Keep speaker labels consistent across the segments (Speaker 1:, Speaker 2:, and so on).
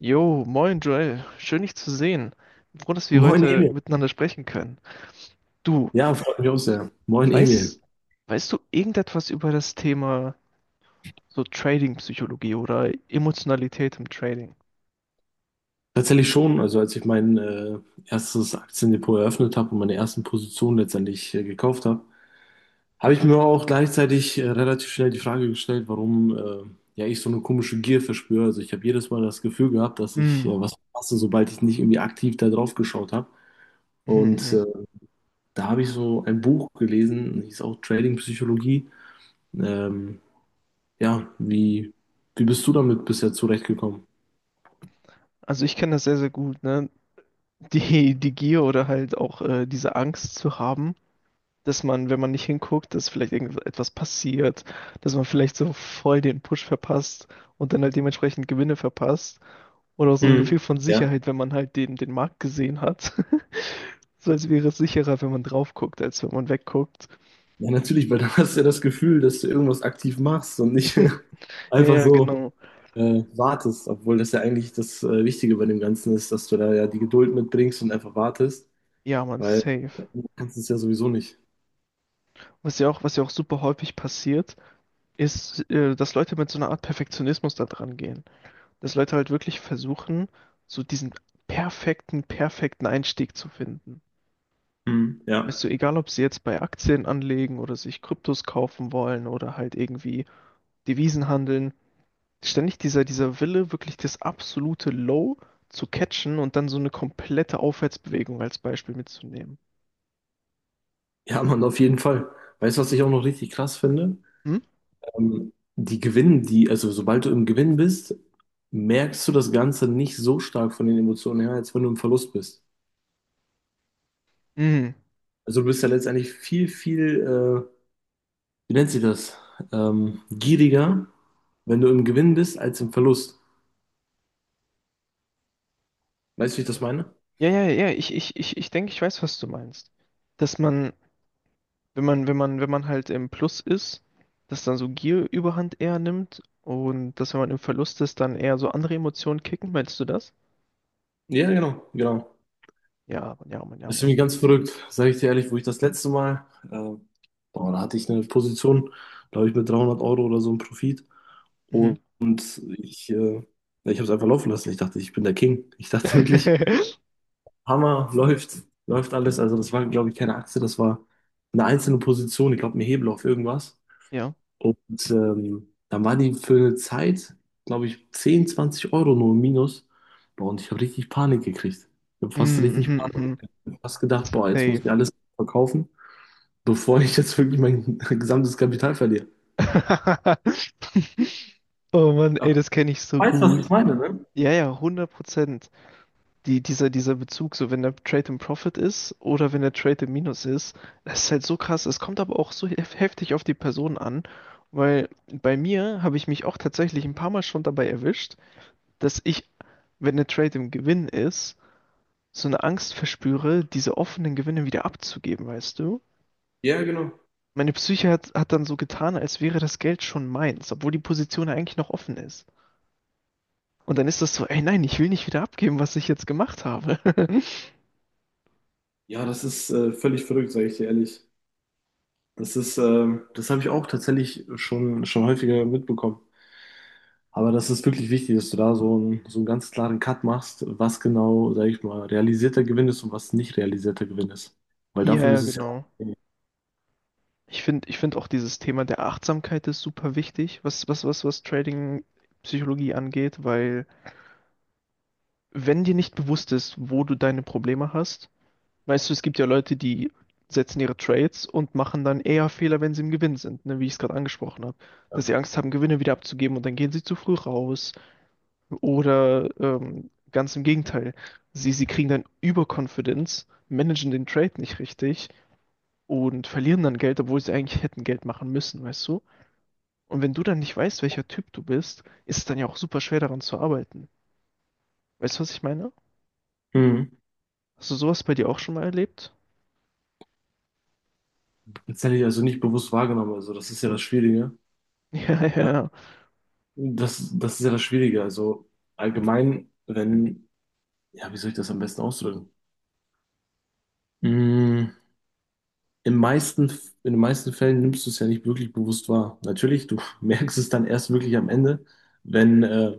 Speaker 1: Jo, moin Joel, schön dich zu sehen. Bin Froh, dass wir
Speaker 2: Moin
Speaker 1: heute
Speaker 2: Emil.
Speaker 1: miteinander sprechen können. Du,
Speaker 2: Ja, freut mich auch sehr. Moin
Speaker 1: weißt,
Speaker 2: Emil.
Speaker 1: weißt du irgendetwas über das Thema so Trading-Psychologie oder Emotionalität im Trading?
Speaker 2: Tatsächlich schon, also als ich mein erstes Aktiendepot eröffnet habe und meine ersten Positionen letztendlich gekauft habe, habe ich mir auch gleichzeitig relativ schnell die Frage gestellt, warum ja ich so eine komische Gier verspüre. Also ich habe jedes Mal das Gefühl gehabt, dass ich
Speaker 1: Hm.
Speaker 2: was verpasse, sobald ich nicht irgendwie aktiv da drauf geschaut habe.
Speaker 1: Mhm.
Speaker 2: Und
Speaker 1: Mhm.
Speaker 2: äh, Da habe ich so ein Buch gelesen, hieß auch Trading Psychologie. Ähm, ja, wie bist du damit bisher zurechtgekommen?
Speaker 1: Also ich kenne das sehr, sehr gut, ne? Die Gier oder halt auch diese Angst zu haben, dass man, wenn man nicht hinguckt, dass vielleicht irgendetwas passiert, dass man vielleicht so voll den Push verpasst und dann halt dementsprechend Gewinne verpasst. Oder auch so ein
Speaker 2: Hm.
Speaker 1: Gefühl von Sicherheit, wenn man halt den Markt gesehen hat. So als wäre es sicherer, wenn man drauf guckt, als wenn man wegguckt.
Speaker 2: Ja, natürlich, weil dann hast du ja das Gefühl, dass du irgendwas aktiv machst und nicht
Speaker 1: Ja,
Speaker 2: einfach
Speaker 1: ja,
Speaker 2: so
Speaker 1: genau.
Speaker 2: äh, wartest, obwohl das ja eigentlich das Wichtige bei dem Ganzen ist, dass du da ja die Geduld mitbringst und einfach wartest,
Speaker 1: Ja, man,
Speaker 2: weil
Speaker 1: safe.
Speaker 2: äh, du kannst es ja sowieso nicht.
Speaker 1: Was ja auch super häufig passiert, ist, dass Leute mit so einer Art Perfektionismus da dran gehen. Dass Leute halt wirklich versuchen, so diesen perfekten Einstieg zu finden.
Speaker 2: Mhm. Ja.
Speaker 1: Weißt du, egal ob sie jetzt bei Aktien anlegen oder sich Kryptos kaufen wollen oder halt irgendwie Devisen handeln, ständig dieser Wille, wirklich das absolute Low zu catchen und dann so eine komplette Aufwärtsbewegung als Beispiel mitzunehmen.
Speaker 2: Ja, Mann, auf jeden Fall. Weißt du, was ich auch noch richtig krass finde?
Speaker 1: Hm?
Speaker 2: Die Gewinnen, die, also sobald du im Gewinn bist, merkst du das Ganze nicht so stark von den Emotionen her, als wenn du im Verlust bist.
Speaker 1: Mhm.
Speaker 2: Also du bist ja letztendlich viel, viel äh, wie nennt sie das? Gieriger, wenn du im Gewinn bist, als im Verlust. Weißt du, wie ich das meine?
Speaker 1: Ja, ja, ja, ich denke, ich weiß, was du meinst. Dass man, wenn man halt im Plus ist, dass dann so Gier überhand eher nimmt und dass, wenn man im Verlust ist, dann eher so andere Emotionen kicken, meinst du das?
Speaker 2: Ja, genau, genau.
Speaker 1: Ja, Mann, ja, Mann, ja,
Speaker 2: Das ist
Speaker 1: Mann.
Speaker 2: irgendwie ganz verrückt, sage ich dir ehrlich, wo ich das letzte Mal, äh, boah, da hatte ich eine Position, glaube ich, mit 300€ oder so im Profit.
Speaker 1: Mhm.
Speaker 2: Und ja, ich habe es einfach laufen lassen. Ich dachte, ich bin der King. Ich dachte wirklich, Hammer, läuft alles. Also das war, glaube ich, keine Aktie, das war eine einzelne Position. Ich glaube, ein Hebel auf irgendwas.
Speaker 1: Ja.
Speaker 2: Und dann war die für eine Zeit, glaube ich, 10 20€ nur im Minus. Boah, und ich habe richtig Panik gekriegt. Ich habe fast
Speaker 1: Mhm, mhm,
Speaker 2: richtig Panik.
Speaker 1: mhm.
Speaker 2: Ich habe fast gedacht, boah, jetzt muss ich
Speaker 1: Safe.
Speaker 2: alles verkaufen, bevor ich jetzt wirklich mein gesamtes Kapital verliere.
Speaker 1: Oh Mann,
Speaker 2: Ja,
Speaker 1: ey,
Speaker 2: du
Speaker 1: das kenne ich so
Speaker 2: weißt, was ich
Speaker 1: gut.
Speaker 2: meine, ne?
Speaker 1: Ja, ja, 100%. Die, dieser Bezug, so wenn der Trade im Profit ist oder wenn der Trade im Minus ist, das ist halt so krass. Es kommt aber auch so heftig auf die Person an, weil bei mir habe ich mich auch tatsächlich ein paar Mal schon dabei erwischt, dass ich, wenn der Trade im Gewinn ist, so eine Angst verspüre, diese offenen Gewinne wieder abzugeben, weißt du?
Speaker 2: Ja, genau.
Speaker 1: Meine Psyche hat dann so getan, als wäre das Geld schon meins, obwohl die Position ja eigentlich noch offen ist. Und dann ist das so, ey nein, ich will nicht wieder abgeben, was ich jetzt gemacht habe.
Speaker 2: Ja, das ist völlig verrückt, sage ich dir ehrlich. Das ist, das habe ich auch tatsächlich schon häufiger mitbekommen. Aber das ist wirklich wichtig, dass du da so so einen ganz klaren Cut machst, was genau, sag ich mal, realisierter Gewinn ist und was nicht realisierter Gewinn ist. Weil
Speaker 1: ja,
Speaker 2: davon
Speaker 1: ja,
Speaker 2: ist es ja auch.
Speaker 1: genau. Ich finde auch dieses Thema der Achtsamkeit ist super wichtig, was Trading-Psychologie angeht, weil wenn dir nicht bewusst ist, wo du deine Probleme hast. Weißt du, es gibt ja Leute, die setzen ihre Trades und machen dann eher Fehler, wenn sie im Gewinn sind, ne, wie ich es gerade angesprochen habe.
Speaker 2: Ja.
Speaker 1: Dass sie Angst haben, Gewinne wieder abzugeben und dann gehen sie zu früh raus. Oder ganz im Gegenteil, sie kriegen dann Überconfidence, managen den Trade nicht richtig und verlieren dann Geld, obwohl sie eigentlich hätten Geld machen müssen, weißt du? Und wenn du dann nicht weißt, welcher Typ du bist, ist es dann ja auch super schwer daran zu arbeiten. Weißt du, was ich meine?
Speaker 2: Mhm.
Speaker 1: Hast du sowas bei dir auch schon mal erlebt?
Speaker 2: Das hätte ich also nicht bewusst wahrgenommen. Also, das ist ja das Schwierige.
Speaker 1: Ja,
Speaker 2: Ja.
Speaker 1: ja,
Speaker 2: Das ist ja das Schwierige. Also, allgemein, wenn, ja, wie soll ich das am besten ausdrücken? Mm, Im meisten, in den meisten Fällen nimmst du es ja nicht wirklich bewusst wahr. Natürlich, du merkst es dann erst wirklich am Ende, wenn,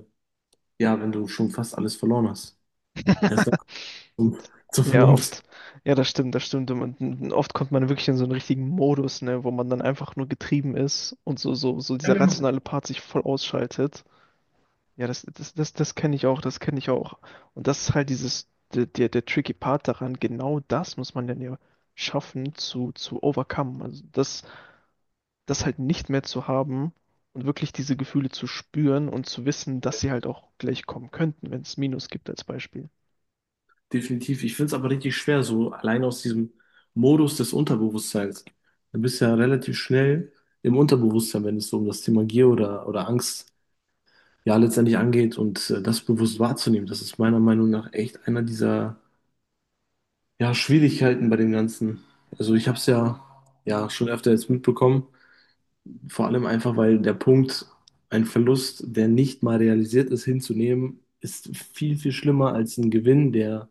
Speaker 2: ja, wenn du schon fast alles verloren hast.
Speaker 1: ja.
Speaker 2: Erst zum, zur
Speaker 1: Ja,
Speaker 2: Vernunft.
Speaker 1: oft. Ja, das stimmt, das stimmt. Und oft kommt man wirklich in so einen richtigen Modus, ne, wo man dann einfach nur getrieben ist und so
Speaker 2: Ja,
Speaker 1: dieser
Speaker 2: genau.
Speaker 1: rationale Part sich voll ausschaltet. Ja, das kenne ich auch, das kenne ich auch. Und das ist halt dieses, der tricky Part daran, genau das muss man dann ja schaffen zu overcome. Also das, das halt nicht mehr zu haben und wirklich diese Gefühle zu spüren und zu wissen, dass sie halt auch gleich kommen könnten, wenn es Minus gibt als Beispiel.
Speaker 2: Definitiv. Ich finde es aber richtig schwer, so allein aus diesem Modus des Unterbewusstseins. Du bist ja relativ schnell im Unterbewusstsein, wenn es so um das Thema Gier oder Angst ja letztendlich angeht und das bewusst wahrzunehmen. Das ist meiner Meinung nach echt einer dieser ja, Schwierigkeiten bei dem Ganzen. Also ich habe es ja, ja schon öfter jetzt mitbekommen, vor allem einfach, weil der Punkt, ein Verlust, der nicht mal realisiert ist, hinzunehmen, ist viel, viel schlimmer als ein Gewinn, der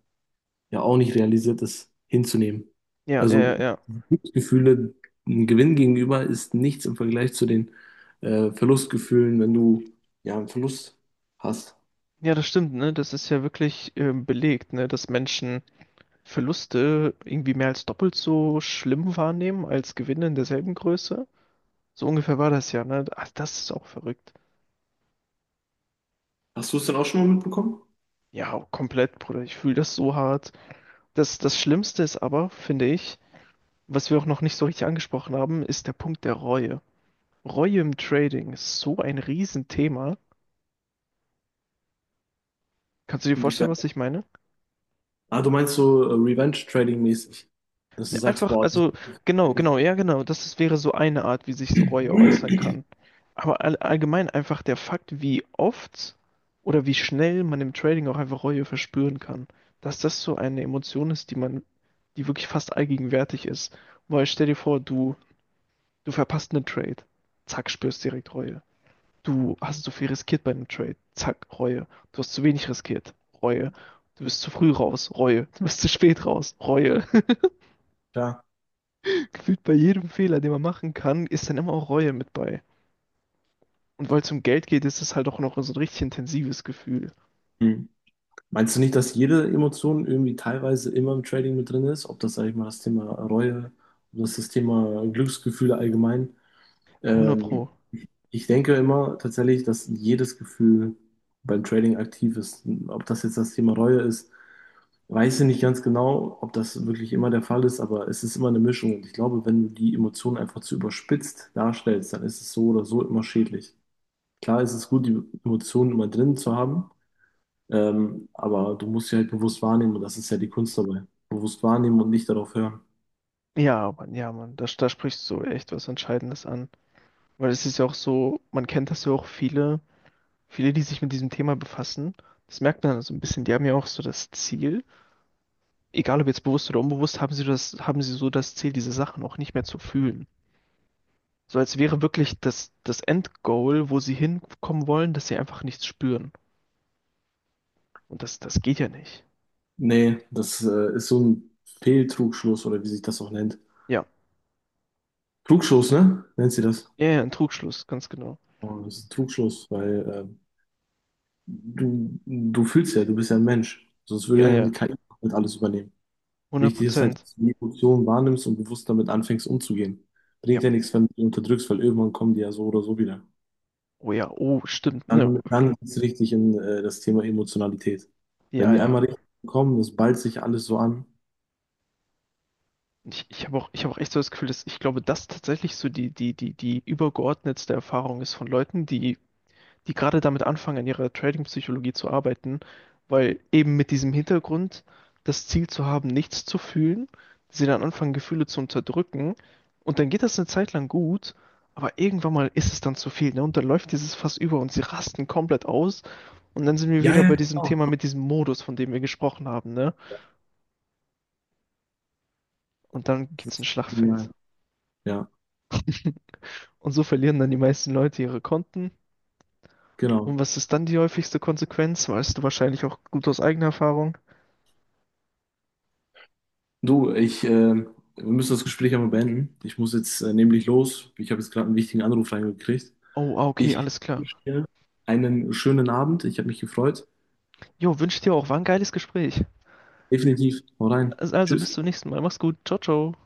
Speaker 2: ja auch nicht realisiert, das hinzunehmen.
Speaker 1: Ja, ja, ja,
Speaker 2: Also
Speaker 1: ja.
Speaker 2: Glücksgefühle, ein Gewinn gegenüber ist nichts im Vergleich zu den Verlustgefühlen, wenn du ja einen Verlust hast.
Speaker 1: Ja, das stimmt, ne? Das ist ja wirklich belegt, ne? Dass Menschen Verluste irgendwie mehr als doppelt so schlimm wahrnehmen als Gewinne in derselben Größe. So ungefähr war das ja, ne? Ach, das ist auch verrückt.
Speaker 2: Hast du es denn auch schon mal mitbekommen?
Speaker 1: Ja, komplett, Bruder. Ich fühle das so hart. Das, das Schlimmste ist aber, finde ich, was wir auch noch nicht so richtig angesprochen haben, ist der Punkt der Reue. Reue im Trading ist so ein Riesenthema. Kannst du dir vorstellen,
Speaker 2: Inwiefern?
Speaker 1: was ich meine?
Speaker 2: Ah, du meinst so Revenge Trading mäßig, dass du
Speaker 1: Ne,
Speaker 2: sagst,
Speaker 1: einfach,
Speaker 2: boah, das
Speaker 1: also, genau, genau, ja, genau. Das ist, wäre so eine Art, wie sich so Reue äußern
Speaker 2: ist
Speaker 1: kann. Aber allgemein einfach der Fakt, wie oft oder wie schnell man im Trading auch einfach Reue verspüren kann. Dass das so eine Emotion ist, die man, die wirklich fast allgegenwärtig ist. Weil stell dir vor, du verpasst einen Trade. Zack, spürst direkt Reue. Du hast zu viel riskiert bei einem Trade. Zack, Reue. Du hast zu wenig riskiert. Reue. Du bist zu früh raus. Reue. Du bist zu spät raus. Reue.
Speaker 2: klar.
Speaker 1: Gefühlt bei jedem Fehler, den man machen kann, ist dann immer auch Reue mit bei. Und weil es um Geld geht, ist es halt auch noch so ein richtig intensives Gefühl.
Speaker 2: Hm. Meinst du nicht, dass jede Emotion irgendwie teilweise immer im Trading mit drin ist? Ob das, sag ich mal, das Thema Reue, ob das das Thema Glücksgefühle allgemein?
Speaker 1: 100
Speaker 2: Ähm,
Speaker 1: Pro.
Speaker 2: Ich denke immer tatsächlich, dass jedes Gefühl beim Trading aktiv ist. Ob das jetzt das Thema Reue ist, weiß ich nicht ganz genau, ob das wirklich immer der Fall ist, aber es ist immer eine Mischung. Und ich glaube, wenn du die Emotionen einfach zu überspitzt darstellst, dann ist es so oder so immer schädlich. Klar ist es gut, die Emotionen immer drin zu haben, aber du musst sie halt bewusst wahrnehmen und das ist ja die Kunst dabei. Bewusst wahrnehmen und nicht darauf hören.
Speaker 1: Ja, Mann, da, da sprichst du echt was Entscheidendes an. Weil es ist ja auch so, man kennt das ja auch viele, viele, die sich mit diesem Thema befassen. Das merkt man so ein bisschen, die haben ja auch so das Ziel, egal ob jetzt bewusst oder unbewusst, haben sie das, haben sie so das Ziel, diese Sachen auch nicht mehr zu fühlen. So als wäre wirklich das, das Endgoal, wo sie hinkommen wollen, dass sie einfach nichts spüren. Und das, das geht ja nicht.
Speaker 2: Nee, das ist so ein Fehltrugschluss oder wie sich das auch nennt.
Speaker 1: Ja.
Speaker 2: Trugschluss, ne? Nennt sie das?
Speaker 1: Ja, ja, ein Trugschluss, ganz genau.
Speaker 2: Oh, das ist Trugschluss, weil du fühlst ja, du bist ja ein Mensch. Sonst würde
Speaker 1: Ja,
Speaker 2: ja die
Speaker 1: ja.
Speaker 2: KI halt alles übernehmen.
Speaker 1: 100
Speaker 2: Wichtig ist halt,
Speaker 1: Prozent.
Speaker 2: dass du die Emotionen wahrnimmst und bewusst damit anfängst umzugehen.
Speaker 1: Ja.
Speaker 2: Bringt ja nichts, wenn du die unterdrückst, weil irgendwann kommen die ja so oder so wieder.
Speaker 1: Oh ja, oh, stimmt. Ne?
Speaker 2: Dann ist es richtig in das Thema Emotionalität. Wenn
Speaker 1: Ja,
Speaker 2: die
Speaker 1: ja.
Speaker 2: einmal richtig kommen, das ballt sich alles so an.
Speaker 1: Ich habe auch echt so das Gefühl, dass ich glaube, dass tatsächlich so die übergeordnetste Erfahrung ist von Leuten, die gerade damit anfangen, an ihrer Trading-Psychologie zu arbeiten, weil eben mit diesem Hintergrund, das Ziel zu haben, nichts zu fühlen, sie dann anfangen, Gefühle zu unterdrücken und dann geht das eine Zeit lang gut, aber irgendwann mal ist es dann zu viel, ne? Und dann läuft dieses Fass über und sie rasten komplett aus und dann sind wir
Speaker 2: Ja,
Speaker 1: wieder
Speaker 2: ja,
Speaker 1: bei diesem
Speaker 2: genau.
Speaker 1: Thema mit diesem Modus, von dem wir gesprochen haben, ne? Und dann
Speaker 2: Das
Speaker 1: gibt's ein
Speaker 2: ist
Speaker 1: Schlachtfeld.
Speaker 2: genial. Ja,
Speaker 1: Und so verlieren dann die meisten Leute ihre Konten.
Speaker 2: genau.
Speaker 1: Und was ist dann die häufigste Konsequenz? Weißt du wahrscheinlich auch gut aus eigener Erfahrung.
Speaker 2: Du, wir müssen das Gespräch einmal beenden. Ich muss jetzt nämlich los. Ich habe jetzt gerade einen wichtigen Anruf reingekriegt.
Speaker 1: Oh, ah, okay,
Speaker 2: Ich
Speaker 1: alles klar.
Speaker 2: wünsche dir einen schönen Abend. Ich habe mich gefreut.
Speaker 1: Jo, wünsche dir auch. War ein geiles Gespräch.
Speaker 2: Definitiv. Hau rein.
Speaker 1: Also bis
Speaker 2: Tschüss.
Speaker 1: zum nächsten Mal. Mach's gut. Ciao, ciao.